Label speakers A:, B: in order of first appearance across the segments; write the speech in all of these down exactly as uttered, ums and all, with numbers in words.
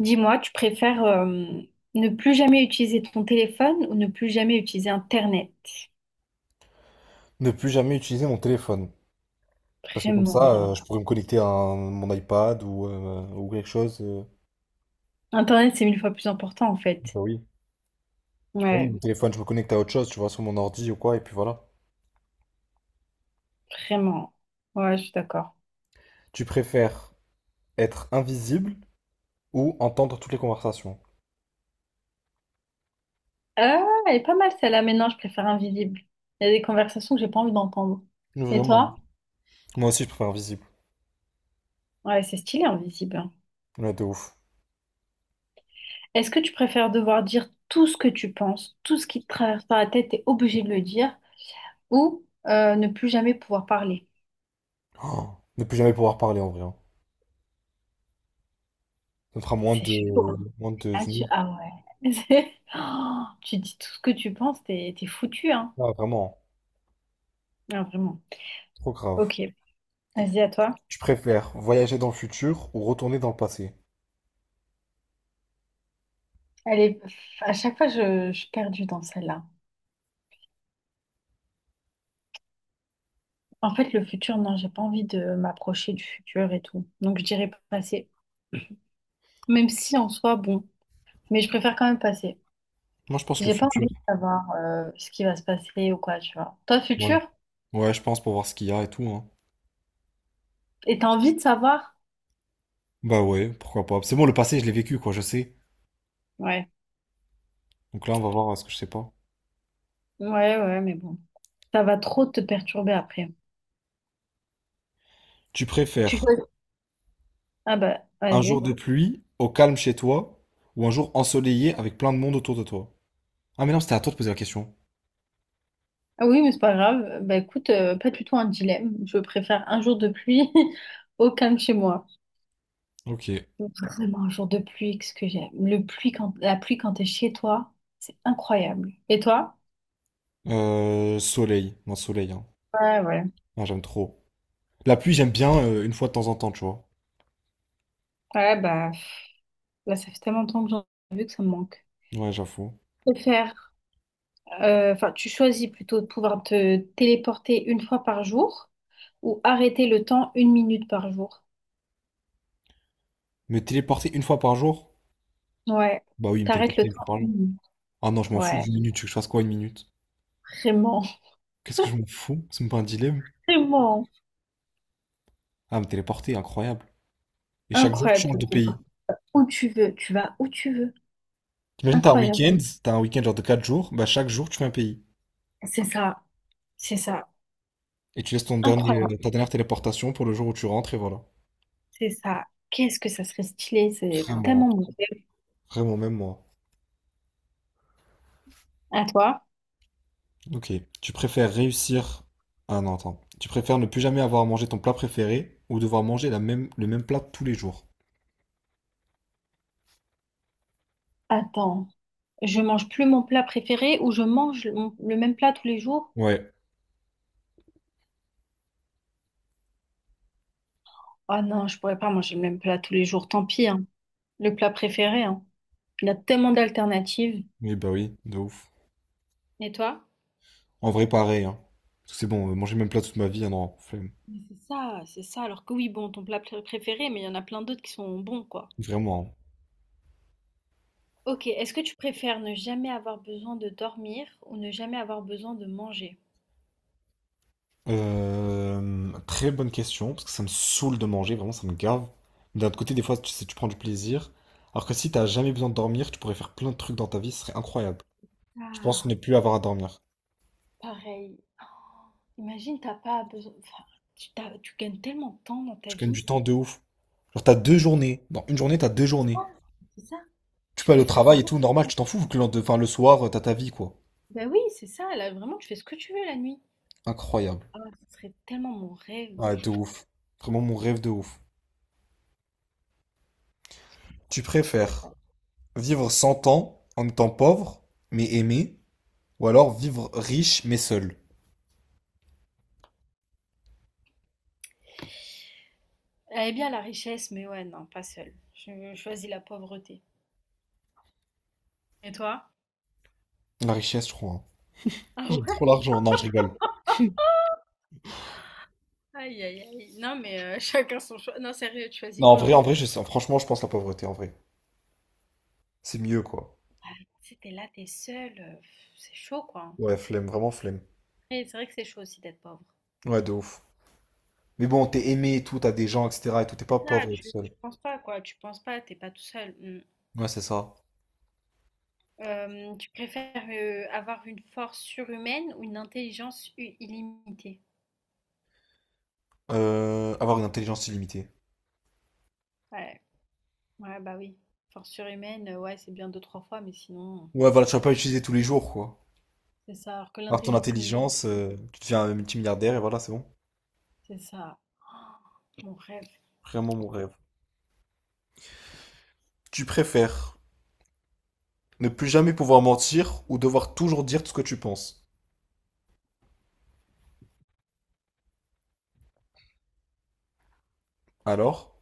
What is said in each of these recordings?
A: Dis-moi, tu préfères euh, ne plus jamais utiliser ton téléphone ou ne plus jamais utiliser Internet?
B: Ne plus jamais utiliser mon téléphone. Parce que comme
A: Vraiment.
B: ça, euh, je pourrais me connecter à un- mon iPad ou, euh, ou quelque chose. euh.
A: Internet, c'est mille fois plus important en fait.
B: Bah oui. Oui,
A: Ouais,
B: mon téléphone, je me connecte à autre chose, tu vois, sur mon ordi ou quoi, et puis voilà.
A: vraiment. Ouais, je suis d'accord.
B: Tu préfères être invisible ou entendre toutes les conversations?
A: Ah, elle est pas mal celle-là. Mais non, je préfère invisible. Il y a des conversations que j'ai pas envie d'entendre. Et
B: Vraiment.
A: toi?
B: Moi aussi, je préfère invisible.
A: Ouais, c'est stylé invisible, hein.
B: Ouais, de ouf.
A: Est-ce que tu préfères devoir dire tout ce que tu penses, tout ce qui te traverse par la tête, t'es obligé de le dire, ou euh, ne plus jamais pouvoir parler?
B: Oh, ne plus jamais pouvoir parler en vrai. hein. Ça me fera moins
A: C'est
B: de...
A: chaud.
B: moins de...
A: Ah, tu... ah ouais. Oh, tu dis tout ce que tu penses, t'es t'es foutu, hein.
B: Ah, vraiment. hein.
A: Non, vraiment.
B: Trop grave.
A: Ok, vas-y à toi.
B: Tu préfères voyager dans le futur ou retourner dans le passé?
A: Allez, à chaque fois, je, je suis perdue dans celle-là. En fait, le futur, non, j'ai pas envie de m'approcher du futur et tout. Donc, je dirais passer. Même si en soi, bon. Mais je préfère quand même passer.
B: Moi, je pense le
A: J'ai pas
B: futur.
A: envie de savoir euh, ce qui va se passer ou quoi, tu vois. Toi,
B: Ouais.
A: futur,
B: Ouais, je pense pour voir ce qu'il y a et tout, hein.
A: et t'as envie de savoir?
B: Bah ouais, pourquoi pas. C'est bon, le passé, je l'ai vécu, quoi, je sais.
A: Ouais.
B: Donc là, on va voir euh, ce que je sais pas.
A: Ouais, ouais, mais bon. Ça va trop te perturber après.
B: Tu
A: Tu
B: préfères
A: choisis. Ah bah,
B: un jour
A: vas-y.
B: de pluie au calme chez toi ou un jour ensoleillé avec plein de monde autour de toi? Ah mais non, c'était à toi de poser la question.
A: Ah oui, mais c'est pas grave. Bah écoute, euh, pas du tout un dilemme. Je préfère un jour de pluie au calme chez moi.
B: Ok.
A: Vraiment un jour de pluie, qu'est-ce que j'aime. Le pluie quand La pluie quand t'es chez toi, c'est incroyable. Et toi?
B: Euh, soleil. Non, soleil, hein.
A: Ouais, ouais.
B: Non, j'aime trop. La pluie, j'aime bien euh, une fois de temps en temps, tu vois.
A: Ouais, bah pff, là, ça fait tellement longtemps que j'en ai vu que ça me manque.
B: Ouais, j'avoue.
A: Je préfère, euh, enfin, tu choisis plutôt de pouvoir te téléporter une fois par jour ou arrêter le temps une minute par jour.
B: Me téléporter une fois par jour?
A: Ouais,
B: Bah oui, me
A: t'arrêtes le
B: téléporter une fois
A: temps
B: par
A: une
B: jour.
A: minute.
B: Ah non, je m'en fous
A: Ouais,
B: d'une minute. Tu veux que je fasse quoi une minute?
A: vraiment,
B: Qu'est-ce que je m'en fous? C'est même pas un dilemme.
A: vraiment
B: Ah, me téléporter, incroyable. Et chaque jour, tu changes
A: incroyable.
B: de pays.
A: Où tu veux, tu vas où tu veux.
B: T'imagines, t'as un
A: Incroyable.
B: week-end, t'as un week-end genre de quatre jours, bah chaque jour tu fais un pays.
A: C'est ça, c'est ça,
B: Et tu laisses ton dernier,
A: incroyable.
B: euh, ta dernière téléportation pour le jour où tu rentres et voilà.
A: C'est ça. Qu'est-ce que ça serait stylé, c'est
B: Vraiment,
A: tellement beau.
B: vraiment, même moi.
A: À toi?
B: Ok. Tu préfères réussir. Ah non, attends. Tu préfères ne plus jamais avoir à manger ton plat préféré ou devoir manger la même, le même plat tous les jours.
A: Attends, je mange plus mon plat préféré ou je mange le mon- le même plat tous les jours?
B: Ouais.
A: Ah non, je pourrais pas manger le même plat tous les jours, tant pis, hein. Le plat préféré, hein. Il y a tellement d'alternatives.
B: Oui, bah oui, de ouf.
A: Et toi?
B: En vrai, pareil, hein. Parce que c'est bon, euh, manger le même plat toute ma vie, ah non, flemme.
A: Mais c'est ça, c'est ça. Alors que oui, bon, ton plat pré- préféré, mais il y en a plein d'autres qui sont bons, quoi.
B: Vraiment. hein.
A: Ok, est-ce que tu préfères ne jamais avoir besoin de dormir ou ne jamais avoir besoin de manger?
B: Euh, très bonne question, parce que ça me saoule de manger, vraiment ça me gave. Mais D'un autre côté, des fois, tu sais, tu prends du plaisir. Alors que si t'as jamais besoin de dormir, tu pourrais faire plein de trucs dans ta vie, ce serait incroyable. Je pense
A: Ah,
B: ne plus avoir à dormir.
A: pareil. Oh, imagine, t'as pas besoin. Enfin, tu, t'as- tu gagnes tellement de temps dans ta
B: Je gagne
A: vie.
B: du temps de ouf. Genre t'as deux
A: Tu peux,
B: journées. Dans une journée, t'as deux journées.
A: oh, c'est ça?
B: Tu
A: Tu
B: peux aller
A: peux
B: au
A: faire.
B: travail et tout, normal, tu t'en fous, vu que le, lendemain- enfin, le soir, euh, t'as ta vie, quoi.
A: Ben oui, c'est ça. Là, vraiment, tu fais ce que tu veux la nuit.
B: Incroyable.
A: Ah, ce serait tellement mon rêve.
B: Ah, de ouf. Vraiment mon rêve de ouf. Tu préfères
A: Attends.
B: vivre cent ans en étant pauvre, mais aimé, ou alors vivre riche, mais seul?
A: Elle est bien la richesse, mais ouais, non, pas seule. Je choisis la pauvreté. Et toi?
B: La richesse, je crois. hein.
A: Ah
B: J'ai trop
A: ouais?
B: l'argent. Non, je rigole.
A: Aïe, aïe, aïe. Non, mais euh, chacun son choix. Non, sérieux, tu choisis
B: Non, en vrai,
A: quoi?
B: en vrai, je sais. Franchement, je pense la pauvreté, en vrai. C'est mieux, quoi.
A: C'était là, t'es es seule, heu, c'est chaud, quoi.
B: Ouais, flemme, vraiment flemme.
A: Et c'est vrai que c'est chaud aussi d'être pauvre.
B: Ouais, de ouf. Mais bon, t'es aimé et tout, t'as des gens, et cetera. Et tout, t'es pas
A: C'est ça,
B: pauvre et tout
A: tu
B: seul.
A: tu penses pas, quoi, tu penses pas, t'es pas tout seul. Mmh.
B: Ouais, c'est ça.
A: Hem, tu préfères, heu, avoir une force surhumaine ou une intelligence u illimitée?
B: Euh, avoir une intelligence illimitée.
A: Ouais, ouais, bah, oui. Force surhumaine, heu, ouais, c'est bien deux, trois fois, mais sinon
B: Ouais, voilà, tu vas pas l'utiliser tous les jours, quoi.
A: c'est ça, alors que
B: Alors, ton
A: l'intelligence illimitée,
B: intelligence,
A: heu,
B: euh, tu deviens un multimilliardaire et voilà, c'est bon.
A: c'est ça. Oh, mon rêve.
B: Vraiment mon rêve. Tu préfères ne plus jamais pouvoir mentir ou devoir toujours dire tout ce que tu penses. Alors?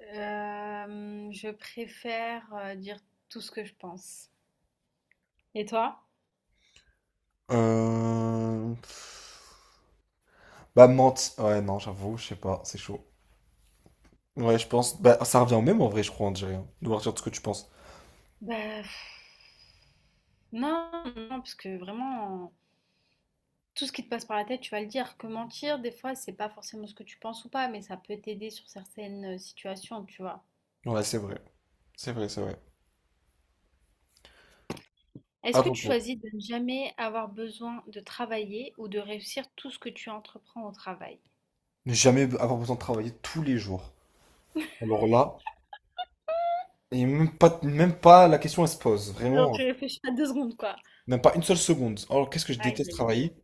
A: Hem, je préfère, heu, dire tout ce que je pense. Et toi?
B: Euh... Bah, ment... Ouais, non, j'avoue, je sais pas, c'est chaud. Ouais, je pense. Bah, ça revient au même en vrai, je crois, en Algérien. De partir de ce que tu penses.
A: Bah, pff, non, non, parce que vraiment, tout ce qui te passe par la tête, tu vas le dire. Que mentir, des fois, c'est pas forcément ce que tu penses ou pas, mais ça peut t'aider sur certaines euh, situations, tu vois.
B: Ouais, c'est vrai. C'est vrai, c'est vrai.
A: Est-ce que tu
B: Attends-toi.
A: choisis de ne jamais avoir besoin de travailler ou de réussir tout ce que tu entreprends au travail?
B: Ne jamais avoir besoin de travailler tous les jours. Alors là, et même pas, même pas la question elle se pose.
A: Genre,
B: Vraiment.
A: tu
B: hein.
A: réfléchis à deux secondes, quoi.
B: Même pas une seule seconde. Alors, qu'est-ce que je
A: Aïe,
B: déteste
A: aïe, aïe.
B: travailler?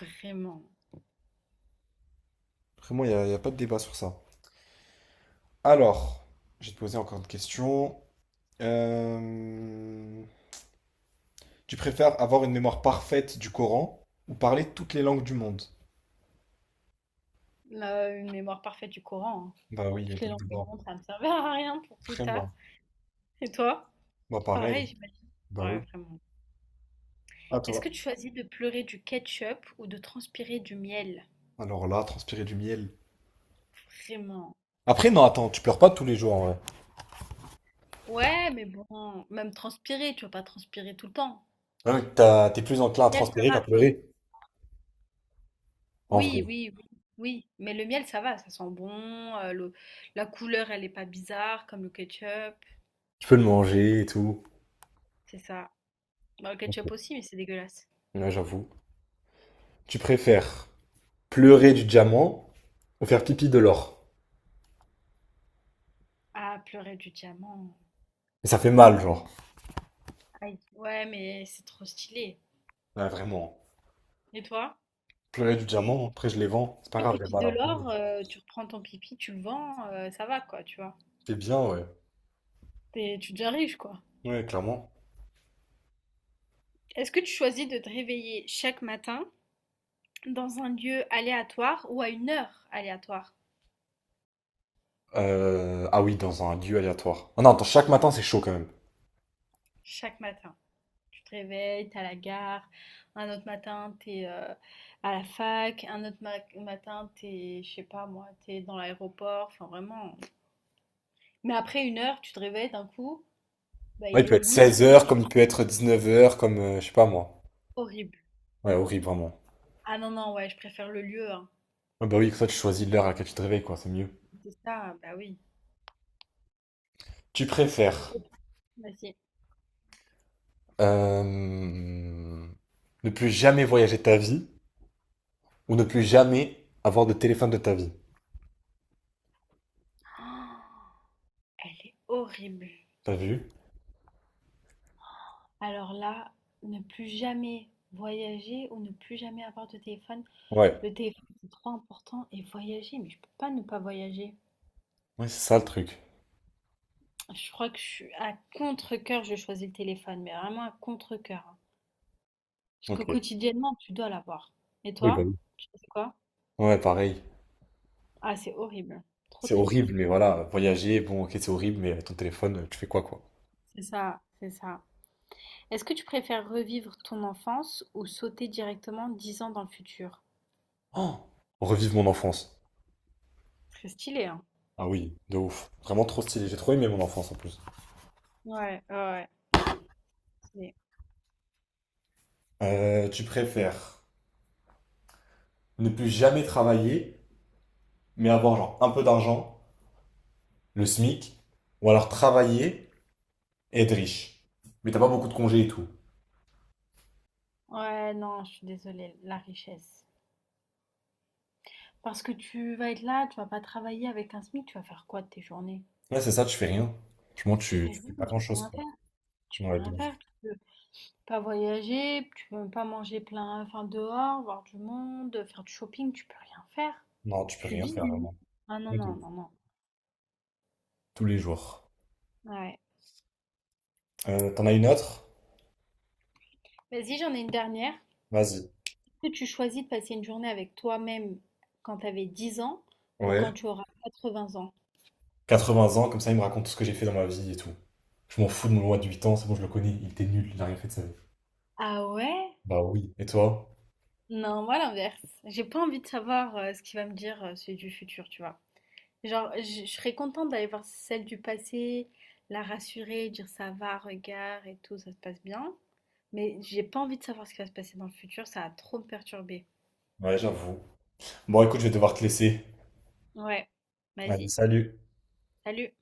A: Vraiment.
B: Vraiment, il n'y a, y a pas de débat sur ça. Alors, je vais te poser encore une question. Euh, Tu préfères avoir une mémoire parfaite du Coran ou parler toutes les langues du monde?
A: Là, une mémoire parfaite du Coran, hein.
B: Bah oui, il n'y a
A: Toutes
B: pas
A: les
B: de
A: langues du
B: débat.
A: monde, ça ne me servira à rien pour plus tard.
B: Vraiment.
A: Et toi?
B: Bah pareil.
A: Pareil, j'imagine.
B: Bah
A: Ouais,
B: oui.
A: vraiment.
B: À
A: Est-ce
B: toi.
A: que tu choisis de pleurer du ketchup ou de transpirer du miel?
B: Alors là, transpirer du miel.
A: Vraiment.
B: Après, non, attends, tu pleures pas tous les jours en vrai.
A: Ouais, mais bon, même transpirer, tu vas pas transpirer tout le temps.
B: Ah oui, t'as- T'es plus enclin à
A: Miel, ça
B: transpirer qu'à
A: va, quoi.
B: pleurer. En
A: Oui,
B: vrai.
A: oui, oui, oui. Mais le miel, ça va, ça sent bon. euh, le- La couleur, elle est pas bizarre, comme le ketchup.
B: Tu peux le manger et tout.
A: C'est ça. Bah, le ketchup aussi, mais c'est dégueulasse.
B: Là, j'avoue. Tu préfères pleurer du diamant ou faire pipi de l'or.
A: Ah, pleurer du diamant.
B: Mais ça fait mal, genre.
A: Aïe. Ouais, mais c'est trop stylé.
B: Ouais, vraiment.
A: Et toi?
B: Pleurer du diamant, après je les vends. C'est pas
A: Et
B: grave, il y a
A: pipi
B: mal
A: de
B: un peu.
A: l'or, euh, tu reprends ton pipi, tu le vends, euh, ça va, quoi, tu vois.
B: C'est bien, ouais.
A: T'es- tu deviens riche, quoi.
B: Ouais, clairement.
A: Est-ce que tu choisis de te réveiller chaque matin dans un lieu aléatoire ou à une heure aléatoire
B: Euh, Ah oui, dans un lieu aléatoire. Ah non, attends, chaque matin, c'est chaud quand même.
A: chaque matin? Tu te réveilles, t'es à la gare, un autre matin t'es euh, à la fac, un autre ma- matin t'es, je sais pas moi, t'es dans l'aéroport, enfin vraiment. Mais après une heure, tu te réveilles d'un coup, bah
B: Ouais, il
A: il
B: peut être
A: est midi,
B: seize heures, comme il peut être dix-neuf heures, comme euh, je sais pas moi.
A: horrible.
B: Ouais, horrible, vraiment.
A: Ah non, non, ouais, je préfère le lieu, hein.
B: Ah bah oui, comme ça tu choisis l'heure à laquelle tu te réveilles, quoi, c'est mieux.
A: C'est ça, bah oui.
B: Tu préfères
A: Vas-y.
B: euh, ne plus jamais voyager de ta vie ou ne plus jamais avoir de téléphone de ta vie.
A: Oh, elle est horrible.
B: T'as vu?
A: Alors là, ne plus jamais voyager ou ne plus jamais avoir de téléphone.
B: Ouais.
A: Le téléphone, c'est trop important. Et voyager, mais je peux pas ne pas voyager.
B: Ouais, c'est ça le truc.
A: Je crois que je suis à contre-cœur, je choisis le téléphone, mais vraiment à contre-cœur, hein. Parce que
B: Ok.
A: quotidiennement, tu dois l'avoir. Et
B: Oui, bah
A: toi,
B: oui.
A: tu fais quoi?
B: Ouais, pareil.
A: Ah, c'est horrible. Trop
B: C'est horrible,
A: triste.
B: mais voilà, voyager, bon, ok, c'est horrible, mais ton téléphone, tu fais quoi, quoi?
A: C'est ça, c'est ça. Est-ce que tu préfères revivre ton enfance ou sauter directement dix ans dans le futur?
B: Oh! Revive mon enfance.
A: Très stylé, hein?
B: Ah oui, de ouf. Vraiment trop stylé. J'ai trop aimé mon enfance en plus.
A: Ouais, ouais, ouais. Stylé.
B: Euh, tu préfères ne plus jamais travailler, mais avoir genre un peu d'argent, le SMIC, ou alors travailler et être riche. Mais t'as pas beaucoup de congés et tout.
A: Ouais, non, je suis désolée, la richesse. Parce que tu vas être là, tu vas pas travailler avec un SMIC, tu vas faire quoi de tes journées?
B: Ouais, c'est ça, tu fais rien. Franchement,
A: Tu
B: tu,
A: fais
B: tu
A: rien,
B: fais pas
A: tu peux
B: grand-chose,
A: rien
B: quoi.
A: faire, tu peux
B: Ouais, de
A: rien
B: ouf.
A: faire, tu peux pas voyager, tu peux pas manger plein, enfin dehors, voir du monde, faire du shopping, tu peux rien faire.
B: Non, tu peux
A: Tu
B: rien
A: vis
B: faire,
A: du lit.
B: vraiment.
A: Ah non,
B: Ouais, de
A: non,
B: ouf.
A: non, non.
B: Tous les jours.
A: Ouais.
B: Euh, t'en as une autre?
A: Vas-y, j'en ai une dernière.
B: Vas-y.
A: Est-ce que tu choisis de passer une journée avec toi-même quand tu avais dix ans ou quand
B: Ouais.
A: tu auras quatre-vingts ans?
B: quatre-vingts ans, comme ça, il me raconte tout ce que j'ai fait dans ma vie et tout. Je m'en fous de mon loi de huit ans, c'est bon, je le connais, il était nul, il a rien fait de sa vie.
A: Ah ouais?
B: Bah oui. Et toi?
A: Non, moi l'inverse. J'ai pas envie de savoir euh, ce qu'il va me dire euh, celui du futur, tu vois. Genre, je je serais contente d'aller voir celle du passé, la rassurer, dire ça va, regarde et tout, ça se passe bien. Mais j'ai pas envie de savoir ce qui va se passer dans le futur, ça va trop me perturber.
B: Ouais, j'avoue. Bon, écoute, je vais devoir te laisser.
A: Ouais,
B: Allez,
A: vas-y.
B: salut.
A: Salut.